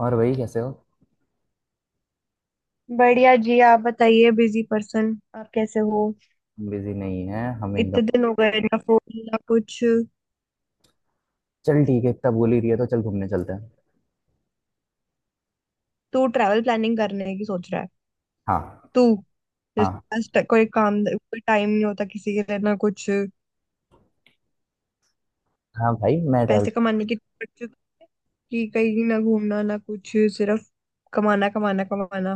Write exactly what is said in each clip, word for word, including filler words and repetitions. और वही कैसे हो। बढ़िया जी। आप बताइए बिजी पर्सन। आप कैसे हो? बिजी नहीं है हम एकदम। इतने दिन हो गए ना, फोन ना कुछ। चल ठीक है, इतना बोल ही रही है तो चल घूमने चलते हैं। तू ट्रैवल प्लानिंग करने की सोच रहा है? हाँ। तू, जिसके हाँ पास ट- कोई काम, कोई टाइम नहीं होता किसी के लिए ना कुछ। हाँ भाई मैं ट्रैवल। पैसे कमाने की सोच, कि कहीं ना घूमना ना कुछ, सिर्फ कमाना कमाना कमाना।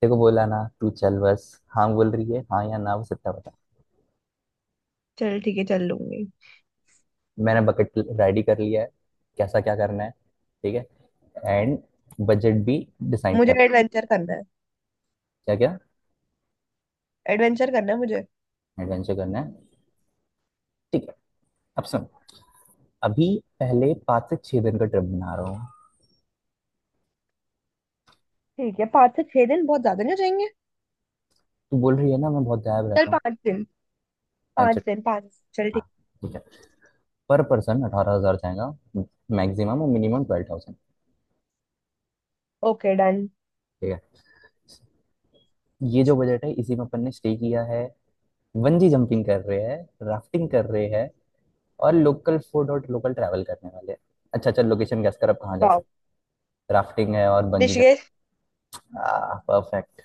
तेरे को बोला ना, तू चल बस। हाँ बोल रही है, हाँ या ना बस इतना बता। चल ठीक है, चल लूंगी। मैंने बकेट रेडी कर लिया है। कैसा क्या करना है, ठीक है। एंड बजट भी डिसाइड मुझे कर। एडवेंचर करना है। क्या क्या। एडवेंचर करना है मुझे। एडवेंचर करना है, ठीक है। अब सुन। अभी पहले पाँच से छह दिन का ट्रिप बना रहा हूँ। ठीक है, पाँच से छह दिन बहुत ज्यादा नहीं हो जाएंगे? तू बोल रही है ना, मैं बहुत गायब चल रहता हूँ। पाँच दिन। टेंशन। पाँच दिन पाँच। चल हाँ, ठीक। ठीक है। पर पर्सन अठारह हज़ार जाएगा मैक्सिमम और minimum twelve thousand. Okay done. ठीक है। ये जो बजट है इसी में अपन ने स्टे किया है। बंजी जंपिंग कर रहे हैं। राफ्टिंग कर रहे हैं। और लोकल फूड और लोकल ट्रैवल करने वाले हैं। अच्छा, चल लोकेशन गैस कर अब कहाँ जा वाह। सकते। राफ्टिंग है और बंजी जंप। ऋषिकेश। आ, परफेक्ट।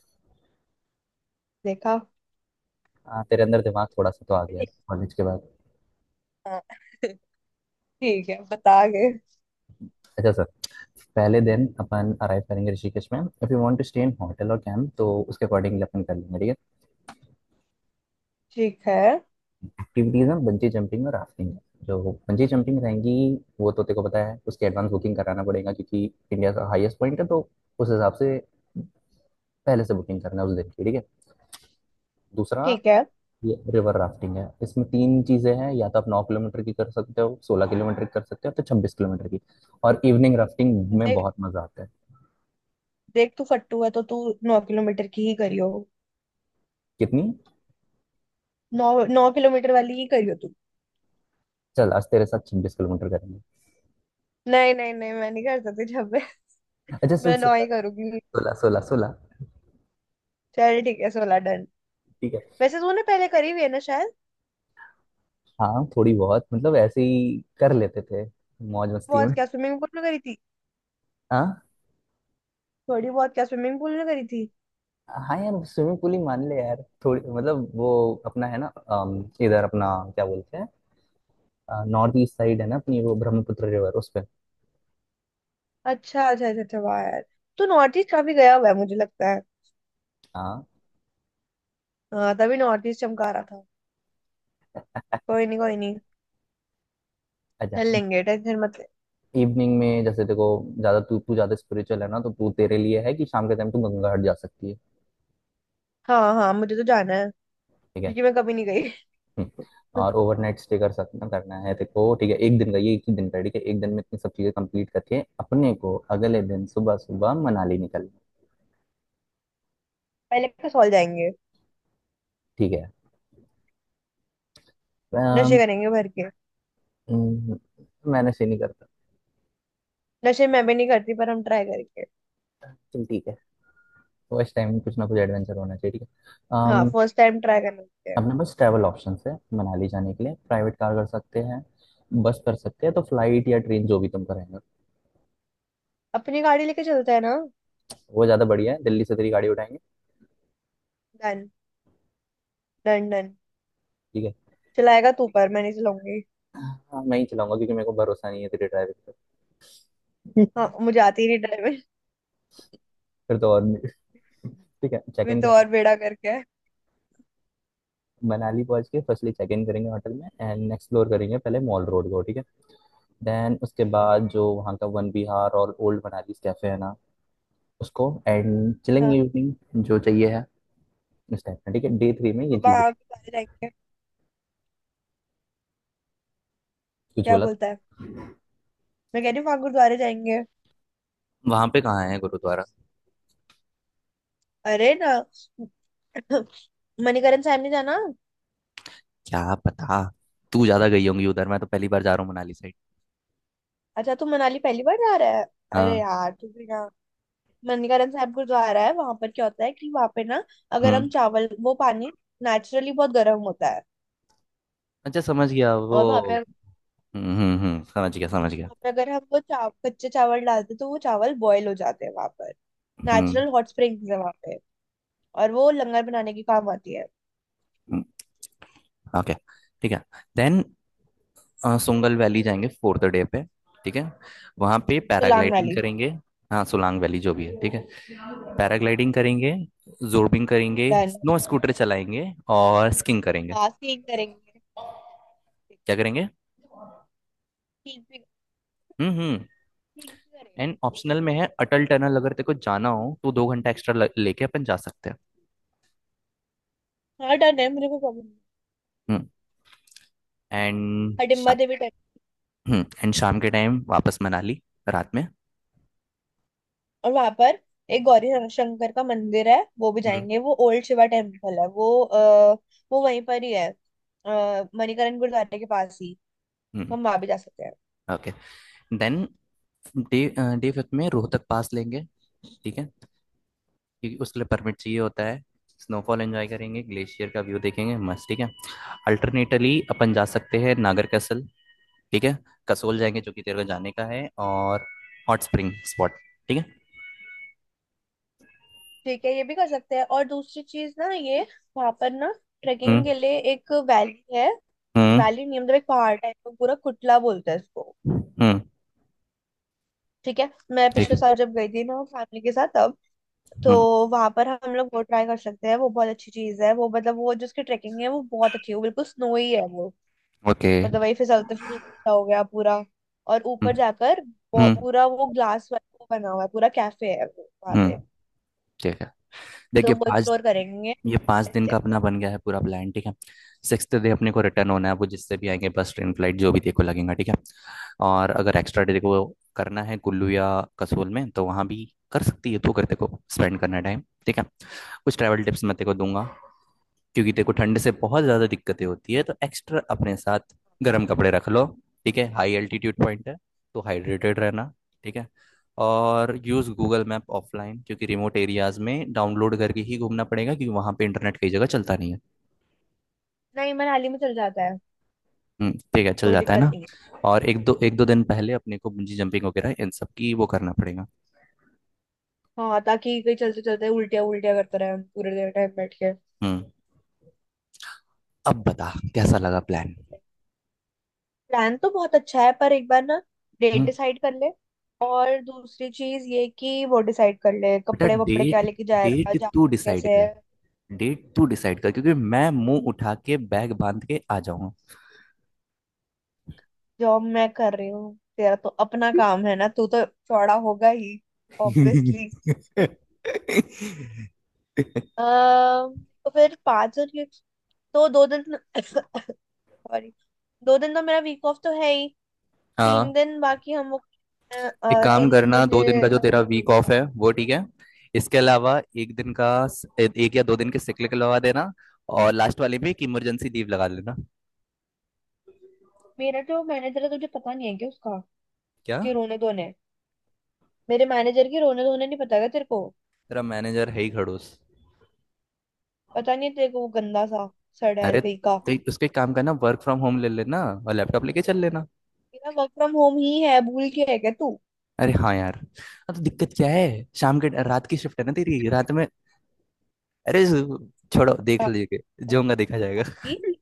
देखा। हाँ, तेरे अंदर दिमाग थोड़ा सा तो आ गया कॉलेज के बाद। हाँ, ठीक है, बता गए। अच्छा सर, पहले दिन अपन अराइव करेंगे ऋषिकेश में। If you want to stay in hotel और कैंप तो उसके अकॉर्डिंगली अपन कर लेंगे, ठीक है। ठीक है। एक्टिविटीज हैं बंजी जंपिंग और राफ्टिंग। जो बंजी जंपिंग रहेंगी, वो तो तेरे को पता है उसके एडवांस बुकिंग कराना पड़ेगा क्योंकि इंडिया का हाईएस्ट पॉइंट है, तो उस हिसाब से पहले से बुकिंग करना है उस दिन की, ठीक है। दूसरा, ठीक है। ये रिवर राफ्टिंग है। इसमें तीन चीज़ें हैं, या तो आप नौ किलोमीटर की कर सकते हो, सोलह किलोमीटर की कर सकते हो, तो छब्बीस किलोमीटर की। और इवनिंग राफ्टिंग में देख, बहुत मजा आता है। देख तू फट्टू है तो तू नौ किलोमीटर की ही करियो। कितनी। नौ। नौ किलोमीटर वाली ही करियो तू। चल आज तेरे साथ छब्बीस किलोमीटर करेंगे। नहीं नहीं नहीं, मैं नहीं कर सकती जब मैं। अच्छा चल मैं नौ सोलह। ही करूंगी। सोलह सोलह सोलह। चल ठीक है, सोलह डन। ठीक है। वैसे तूने पहले करी हुई है ना शायद? हाँ थोड़ी बहुत, मतलब ऐसे ही कर लेते थे मौज मस्ती बहुत में। क्या स्विमिंग पूल में करी थी? हाँ। थोड़ी बहुत क्या स्विमिंग पूल में करी थी? हाँ यार, स्विमिंग पूल ही मान ले यार। थोड़ी, मतलब वो अपना है ना, अम, इधर अपना क्या बोलते हैं, नॉर्थ ईस्ट साइड है ना अपनी वो, ब्रह्मपुत्र रिवर उस पे। अच्छा अच्छा अच्छा अच्छा, वाह यार। तू नॉर्थ ईस्ट काफी गया हुआ है मुझे लगता है। हाँ। हाँ तभी नॉर्थ ईस्ट चमका रहा था। कोई नहीं कोई नहीं। अच्छा। चल लेंगे, टेंशन मत ले। इवनिंग में जैसे देखो, ज्यादा तू तू ज्यादा स्पिरिचुअल है ना, तो तू, तेरे लिए है कि शाम के टाइम तू गंगा घाट जा सकती है। हाँ हाँ, मुझे तो जाना है, ठीक है। क्योंकि मैं कभी नहीं गई। हम्म। और ओवरनाइट स्टे कर सकना करना है देखो, ठीक है। एक दिन का ये, एक ही दिन का है, ठीक है। एक दिन में इतनी सब चीजें कंप्लीट करके अपने को अगले दिन सुबह सुबह मनाली निकलना। पहले कसौल जाएंगे। ठीक है। नशे अम, करेंगे भर के। हम्म, मैंने से नहीं करता। नशे मैं भी नहीं करती, पर हम ट्राई करके। चल ठीक है। तो इस टाइम में कुछ ना कुछ एडवेंचर होना चाहिए, ठीक है। हाँ, अम, फर्स्ट टाइम ट्राई करते हैं। अपने पास ट्रैवल ऑप्शंस है। मनाली जाने के लिए प्राइवेट कार कर सकते हैं, बस कर सकते हैं तो, फ्लाइट या ट्रेन जो भी तुम करेंगे। अपनी गाड़ी लेके चलते हैं ना। वो ज़्यादा बढ़िया है, दिल्ली से तेरी गाड़ी उठाएंगे। डन। Done done. ठीक है। चलाएगा तू, पर मैं नहीं चलाऊंगी। हाँ, मैं ही चलाऊंगा क्योंकि मेरे को भरोसा नहीं है तेरे ड्राइविंग पर। हाँ, मुझे आती ही नहीं ड्राइविंग। फिर तो और नहीं। ठीक है, चेक मैं इन तो करेंगे। और बेड़ा करके। मनाली पहुंच के फर्स्टली चेक इन करेंगे होटल में, एंड एक्सप्लोर करेंगे पहले मॉल रोड को, ठीक है। देन उसके बाद जो वहाँ का वन विहार और ओल्ड मनाली कैफे है ना, उसको। एंड चिलिंग हाँ, इवनिंग जो चाहिए है इस टाइप का, ठीक है। डे थ्री में ये चीज। वहां गुरुद्वारे जाएंगे। कुछ क्या बोला तो। बोलता है? मैं कह रही हूँ वहां गुरुद्वारे जाएंगे। वहां पे कहाँ है गुरुद्वारा। अरे ना। मणिकरण साहब नहीं जाना? क्या पता, तू ज्यादा गई होंगी उधर, मैं तो पहली बार जा रहा हूँ मनाली साइड। अच्छा तू मनाली पहली बार जा रहा है? अरे हाँ। यार तू भी ना। ननकानंद साहब गुरुद्वारा है वहां पर। क्या होता है कि वहां पे ना, अगर हम्म। हम चावल वो पानी, नेचुरली बहुत गर्म होता है। अच्छा, समझ गया वो। और वहां पे, हम्म हम्म हम्म, समझ गया समझ गया। वहाँ पे अगर हम वो चाव, कच्चे चावल डालते तो वो चावल बॉयल हो जाते हैं वहां पर। हम्म। नेचुरल हॉट स्प्रिंग्स है वहां पे, और वो लंगर बनाने के काम आती है। ओके, ठीक है। देन सुंगल वैली जाएंगे फोर्थ डे पे, ठीक है। वहाँ पे तो लांग पैराग्लाइडिंग वाली। करेंगे। हाँ सोलांग वैली जो भी है, ठीक है। पैराग्लाइडिंग करेंगे, जोर्बिंग करेंगे, डन। स्नो स्कूटर चलाएंगे और स्कीइंग करेंगे। हाँ सीख करेंगे। क्या करेंगे। ठीक भी। हम्म हम्म। ठीक भी करेंगे। एंड ऑप्शनल में है अटल टनल, अगर तेरे को जाना हो तो दो घंटा एक्स्ट्रा ल- लेके अपन जा सकते हाँ डन है, मेरे को प्रॉब्लम। हैं। एंड हडिम्बा शाम। देवी। एंड शाम के टाइम वापस मनाली, रात में। और वहां पर एक गौरी शंकर का मंदिर है, वो भी जाएंगे। वो ओल्ड शिवा टेम्पल है। वो आ, वो वहीं पर ही है, अ, मणिकरण गुरुद्वारे के पास ही। हम्म। तो हम वहां भी जा सकते हैं। Okay. Then day day fifth में रोहतक पास लेंगे, ठीक है। क्योंकि उसके लिए परमिट चाहिए होता है। स्नोफॉल एंजॉय करेंगे, ग्लेशियर का व्यू देखेंगे मस्त, ठीक है। अल्टरनेटली अपन जा सकते हैं नागर कैसल, ठीक है। कसोल जाएंगे जो कि तेरे को जाने का है, और हॉट स्प्रिंग स्पॉट, ठीक है। ठीक है, ये भी कर सकते हैं। और दूसरी चीज ना ये, वहां पर ना हम्म ट्रेकिंग के लिए एक वैली है। हम्म वैली नहीं मतलब एक पहाड़ टाइप का पूरा, कुटला बोलते हैं इसको। हम्म। ठीक है। मैं ठीक पिछले है। साल जब गई थी ना फैमिली के साथ, तब तो हम्म। वहां पर हम लोग वो ट्राई कर सकते हैं। वो बहुत अच्छी चीज है वो। मतलब वो जो उसकी ट्रेकिंग है वो बहुत अच्छी है। वो बिल्कुल स्नोई है वो। ओके। मतलब वही फिसलते सा हो गया पूरा। और ऊपर हम्म जाकर वो- हम्म पूरा वो ग्लास वो बना हुआ है। पूरा कैफे है वो वहाँ हम्म, पे। ठीक है। तो देखिए वो पाँच। एक्सप्लोर करेंगे। ये पाँच दिन अच्छा। का अपना बन गया है पूरा प्लान, ठीक है। सिक्स्थ डे अपने को रिटर्न होना है, वो जिससे भी आएंगे बस ट्रेन फ्लाइट जो भी देखो लगेगा, ठीक है। और अगर एक्स्ट्रा डे को करना है कुल्लू या कसोल में तो वहाँ भी कर सकती है, तो कर देखो, स्पेंड करना है टाइम, ठीक है। कुछ ट्रैवल टिप्स मैं तेरे को दूंगा क्योंकि तेरे को ठंड से बहुत ज़्यादा दिक्कतें होती है, तो एक्स्ट्रा अपने साथ गर्म कपड़े रख लो, ठीक है। हाई एल्टीट्यूड पॉइंट है, तो हाइड्रेटेड रहना, ठीक है। और यूज़ गूगल मैप ऑफलाइन, क्योंकि रिमोट एरियाज में डाउनलोड करके ही घूमना पड़ेगा क्योंकि वहाँ पे इंटरनेट कई जगह चलता नहीं है। नहीं मनाली में चल जाता है, हम्म, ठीक है, चल कोई जाता है दिक्कत ना। नहीं है। और एक दो एक दो दिन पहले अपने को बंजी जंपिंग वगैरह इन सब की वो करना पड़ेगा। हाँ, ताकि कहीं चलते चलते उल्टिया उल्टिया करते रहे हम पूरे देर टाइम बैठ के। हम्म। अब बता कैसा लगा प्लान। प्लान तो बहुत अच्छा है, पर एक बार ना डेट हम्म। डिसाइड कर ले। और दूसरी चीज ये कि वो डिसाइड कर ले बेटा कपड़े वपड़े डेट, क्या लेके जाएगा, डेट जाना तू डिसाइड कैसे कर है। डेट तू डिसाइड कर, क्योंकि मैं मुंह उठा के बैग बांध के आ जाऊंगा। जॉब मैं कर रही हूँ, तेरा तो अपना काम है ना, तू तो चौड़ा होगा ही। ऑब्वियसली। तो फिर पाँच और ये- तो दो दिन सॉरी, दो दिन तो मेरा वीक ऑफ तो है ही। तीन हाँ। दिन बाकी हम लोग, अ, एक अ, काम तीन दिन करना, मुझे। दो दिन का जो तेरा वीक ऑफ है वो, ठीक है। इसके अलावा एक दिन का, एक या दो दिन के सिक लगा देना, और लास्ट वाले में एक इमरजेंसी लीव लगा लेना। मेरा जो मैनेजर है तुझे पता नहीं है क्या उसका, क्या। उसके रोने धोने? मेरे मैनेजर के रोने धोने नहीं पता क्या तेरे को? तेरा मैनेजर है ही खड़ूस। पता नहीं है तेरे को, वो गंदा सा, सड़ैल अरे कहीं का। तो उसको एक काम करना, वर्क फ्रॉम होम ले लेना और लैपटॉप लेके चल लेना। मेरा वर्क फ्रॉम होम ही है, भूल के है क्या तू? अरे हाँ यार, हाँ, तो दिक्कत क्या है। शाम के, रात की शिफ्ट है ना तेरी, रात में। अरे छोड़ो अ, देख लीजिए, है जो होगा देखा जाएगा। बात की।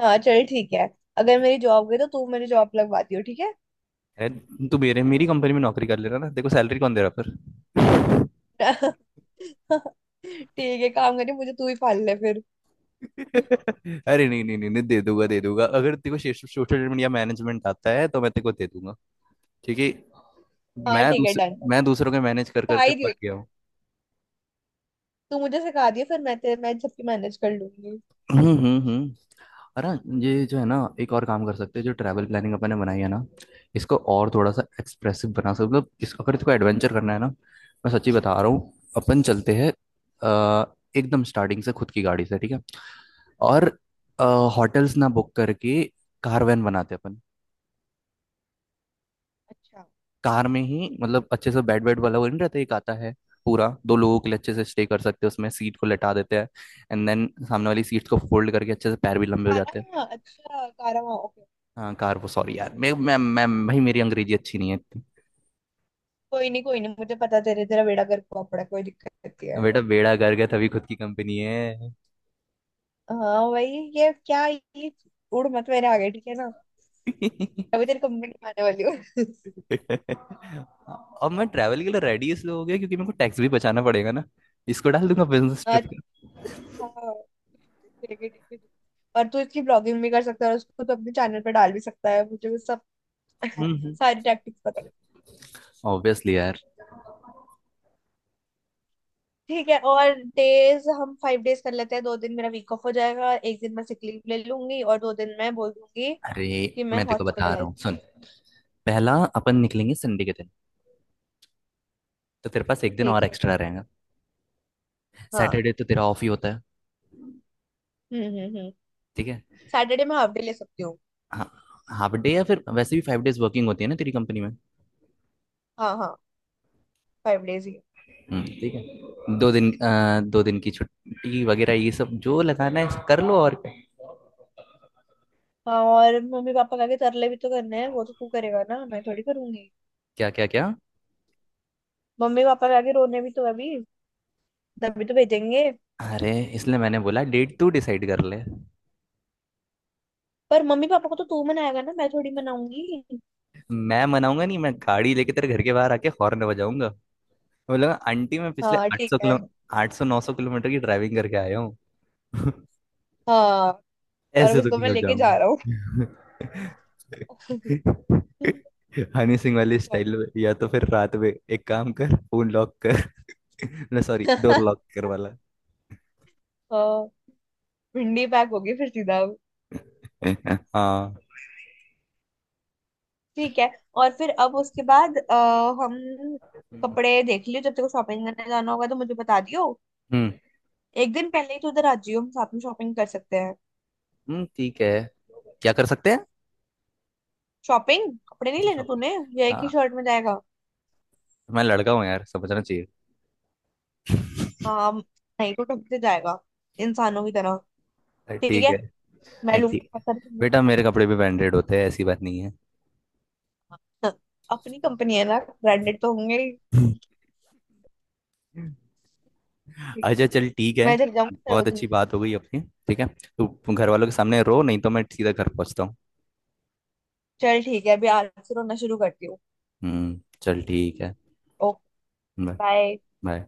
हाँ चल ठीक है। अगर मेरी जॉब गई तो तू मेरी जॉब लगवा दियो, ठीक है। अरे तू मेरे मेरी कंपनी में नौकरी कर लेना ना, देखो सैलरी कौन दे रहा है, पर। ठीक है, काम करिए, मुझे तू ही पाल ले फिर। अरे नहीं नहीं नहीं नहीं, दे दूंगा दे दूंगा। अगर तेरे को सोशल मीडिया मैनेजमेंट आता है तो मैं तेरे को दे दूंगा, क्योंकि हाँ मैं ठीक है दूसर, डन। मैं दूसरों के मैनेज कर सिखा करके ही पक दियो गया तू। हूँ। तू मुझे सिखा दियो, फिर मैं तेरे मैं सबकी मैनेज कर लूंगी। हम्म हम्म हम्म। अरे, ये जो है ना, एक और काम कर सकते हैं। जो ट्रैवल प्लानिंग अपन ने बनाई है ना, इसको और थोड़ा सा एक्सप्रेसिव बना सकते हैं। मतलब इस, अगर इसको एडवेंचर करना है ना, मैं सच्ची बता रहा हूँ, अपन चलते हैं अ, एकदम स्टार्टिंग से खुद की गाड़ी से, ठीक है। और होटल्स ना बुक करके कारवैन बनाते हैं अपन। अच्छा कार में ही, मतलब अच्छे से, बेड बेड वाला वो नहीं रहता, एक आता है पूरा दो लोगों के लिए, अच्छे से स्टे कर सकते हैं उसमें। सीट को लटा देते हैं एंड देन सामने वाली सीट्स को फोल्ड करके अच्छे से पैर भी लंबे हो जाते हैं। कारा, अच्छा कारा, ओके। हाँ कार वो, ठीक है। सॉरी ठीक है। यार, मैं मैं मैं भाई मेरी अंग्रेजी अच्छी नहीं है इतनी। कोई नहीं कोई नहीं, मुझे पता, तेरे, तेरा बेड़ा गर्क हुआ पड़ा है, कोई दिक्कत नहीं है। बेटा बेड़ा गर्क है तभी खुद की कंपनी है। हाँ भाई। ये क्या ये, उड़ मत मेरे आगे ठीक है ना। अभी तेरी कंप्लेंट आने वाली हो। अब मैं ट्रैवल के लिए रेडी इसलिए हो गया, क्योंकि मेरे को टैक्स भी बचाना पड़ेगा ना, इसको डाल दूंगा बिजनेस ट्रिप हाँ। का। हाँ। ठीक है ठीक है ठीक है। और तू इसकी ब्लॉगिंग भी कर सकता है, और उसको तो अपने चैनल पे डाल भी सकता है, मुझे वो सब हम्म। सारी टैक्टिक्स पता है। ऑब्वियसली यार। ठीक है, और डेज हम फाइव डेज कर लेते हैं। दो दिन मेरा वीक ऑफ हो जाएगा, एक दिन मैं सिक लीव ले लूंगी, और दो दिन मैं बोल दूंगी अरे कि मैं मैं तेको बता रहा हॉस्पिटलाइज। हूँ, सुन। पहला, अपन निकलेंगे संडे के दिन, तो तेरे पास एक दिन ठीक। और एक्स्ट्रा रहेगा। हाँ। सैटरडे तो तेरा ऑफ ही होता है। हम्म हम्म हम्म। ठीक है। सैटरडे मैं हाफ डे ले सकती हूँ। हाँ, हाफ डे या फिर वैसे भी फ़ाइव डेज़ वर्किंग होती है ना तेरी कंपनी में। हाँ हाँ, फाइव डेज ही। हम्म, ठीक है, दो दिन, अ, दो दिन की छुट्टी वगैरह ये सब जो लगाना है कर लो और। हाँ, और मम्मी पापा का आगे तरले भी तो करने हैं, वो तो तू करेगा ना, मैं थोड़ी करूंगी? क्या क्या क्या। मम्मी पापा के आगे रोने भी तो अभी, तभी तो भेजेंगे। अरे इसलिए मैंने बोला डेट तू डिसाइड कर ले। पर मम्मी पापा को तो तू मनाएगा ना, मैं थोड़ी मनाऊंगी? मैं मनाऊंगा नहीं, मैं गाड़ी लेके तेरे घर के बाहर आके हॉर्न बजाऊंगा। बोलेगा, आंटी मैं पिछले हाँ आठ ठीक सौ है। किलो आठ सौ नौ सौ किलोमीटर की ड्राइविंग करके आया हूँ। हाँ, और अब ऐसे तो इसको नहीं मैं हो लेके जाऊंगा। जा रहा हूँ। हनी सिंह वाली स्टाइल में, सॉर्टेड। या तो फिर रात में एक काम कर, फोन लॉक कर। ना सॉरी, डोर लॉक कर वाला। हाँ। भिंडी पैक होगी फिर सीधा अब। हाँ। ठीक है। और फिर अब उसके बाद अ, हम कपड़े देख लियो, जब तेरे को शॉपिंग करने जाना होगा तो मुझे बता दियो। हम्म। एक दिन पहले ही तो उधर आ जियो, हम साथ में शॉपिंग कर सकते हैं। हम्म, ठीक है। क्या कर सकते हैं। शॉपिंग, कपड़े नहीं अच्छा लेने शॉपिंग। तूने? या एक ही हाँ, शर्ट में जाएगा? मैं लड़का हूँ यार, समझना चाहिए। हाँ, नहीं तो ढंग से जाएगा, इंसानों की तरह। अ, ठीक ठीक है। है, मैं अ, लूंगी ठीक। बहुत बेटा मेरे कपड़े भी सारे। ब्रांडेड होते हैं, ऐसी बात नहीं हाँ, अपनी कंपनी है ना, ब्रांडेड तो होंगे है। ही। अच्छा चल ठीक मैं है। इधर जाऊंगी बहुत अच्छी सरोजनी। बात हो गई अपनी, ठीक है। तू घर वालों के सामने रो, नहीं तो मैं सीधा घर पहुंचता हूँ। चल ठीक है, अभी आज से रोना शुरू करती हूँ। हम्म चल ठीक है। ओके। बाय। बाय। बाय।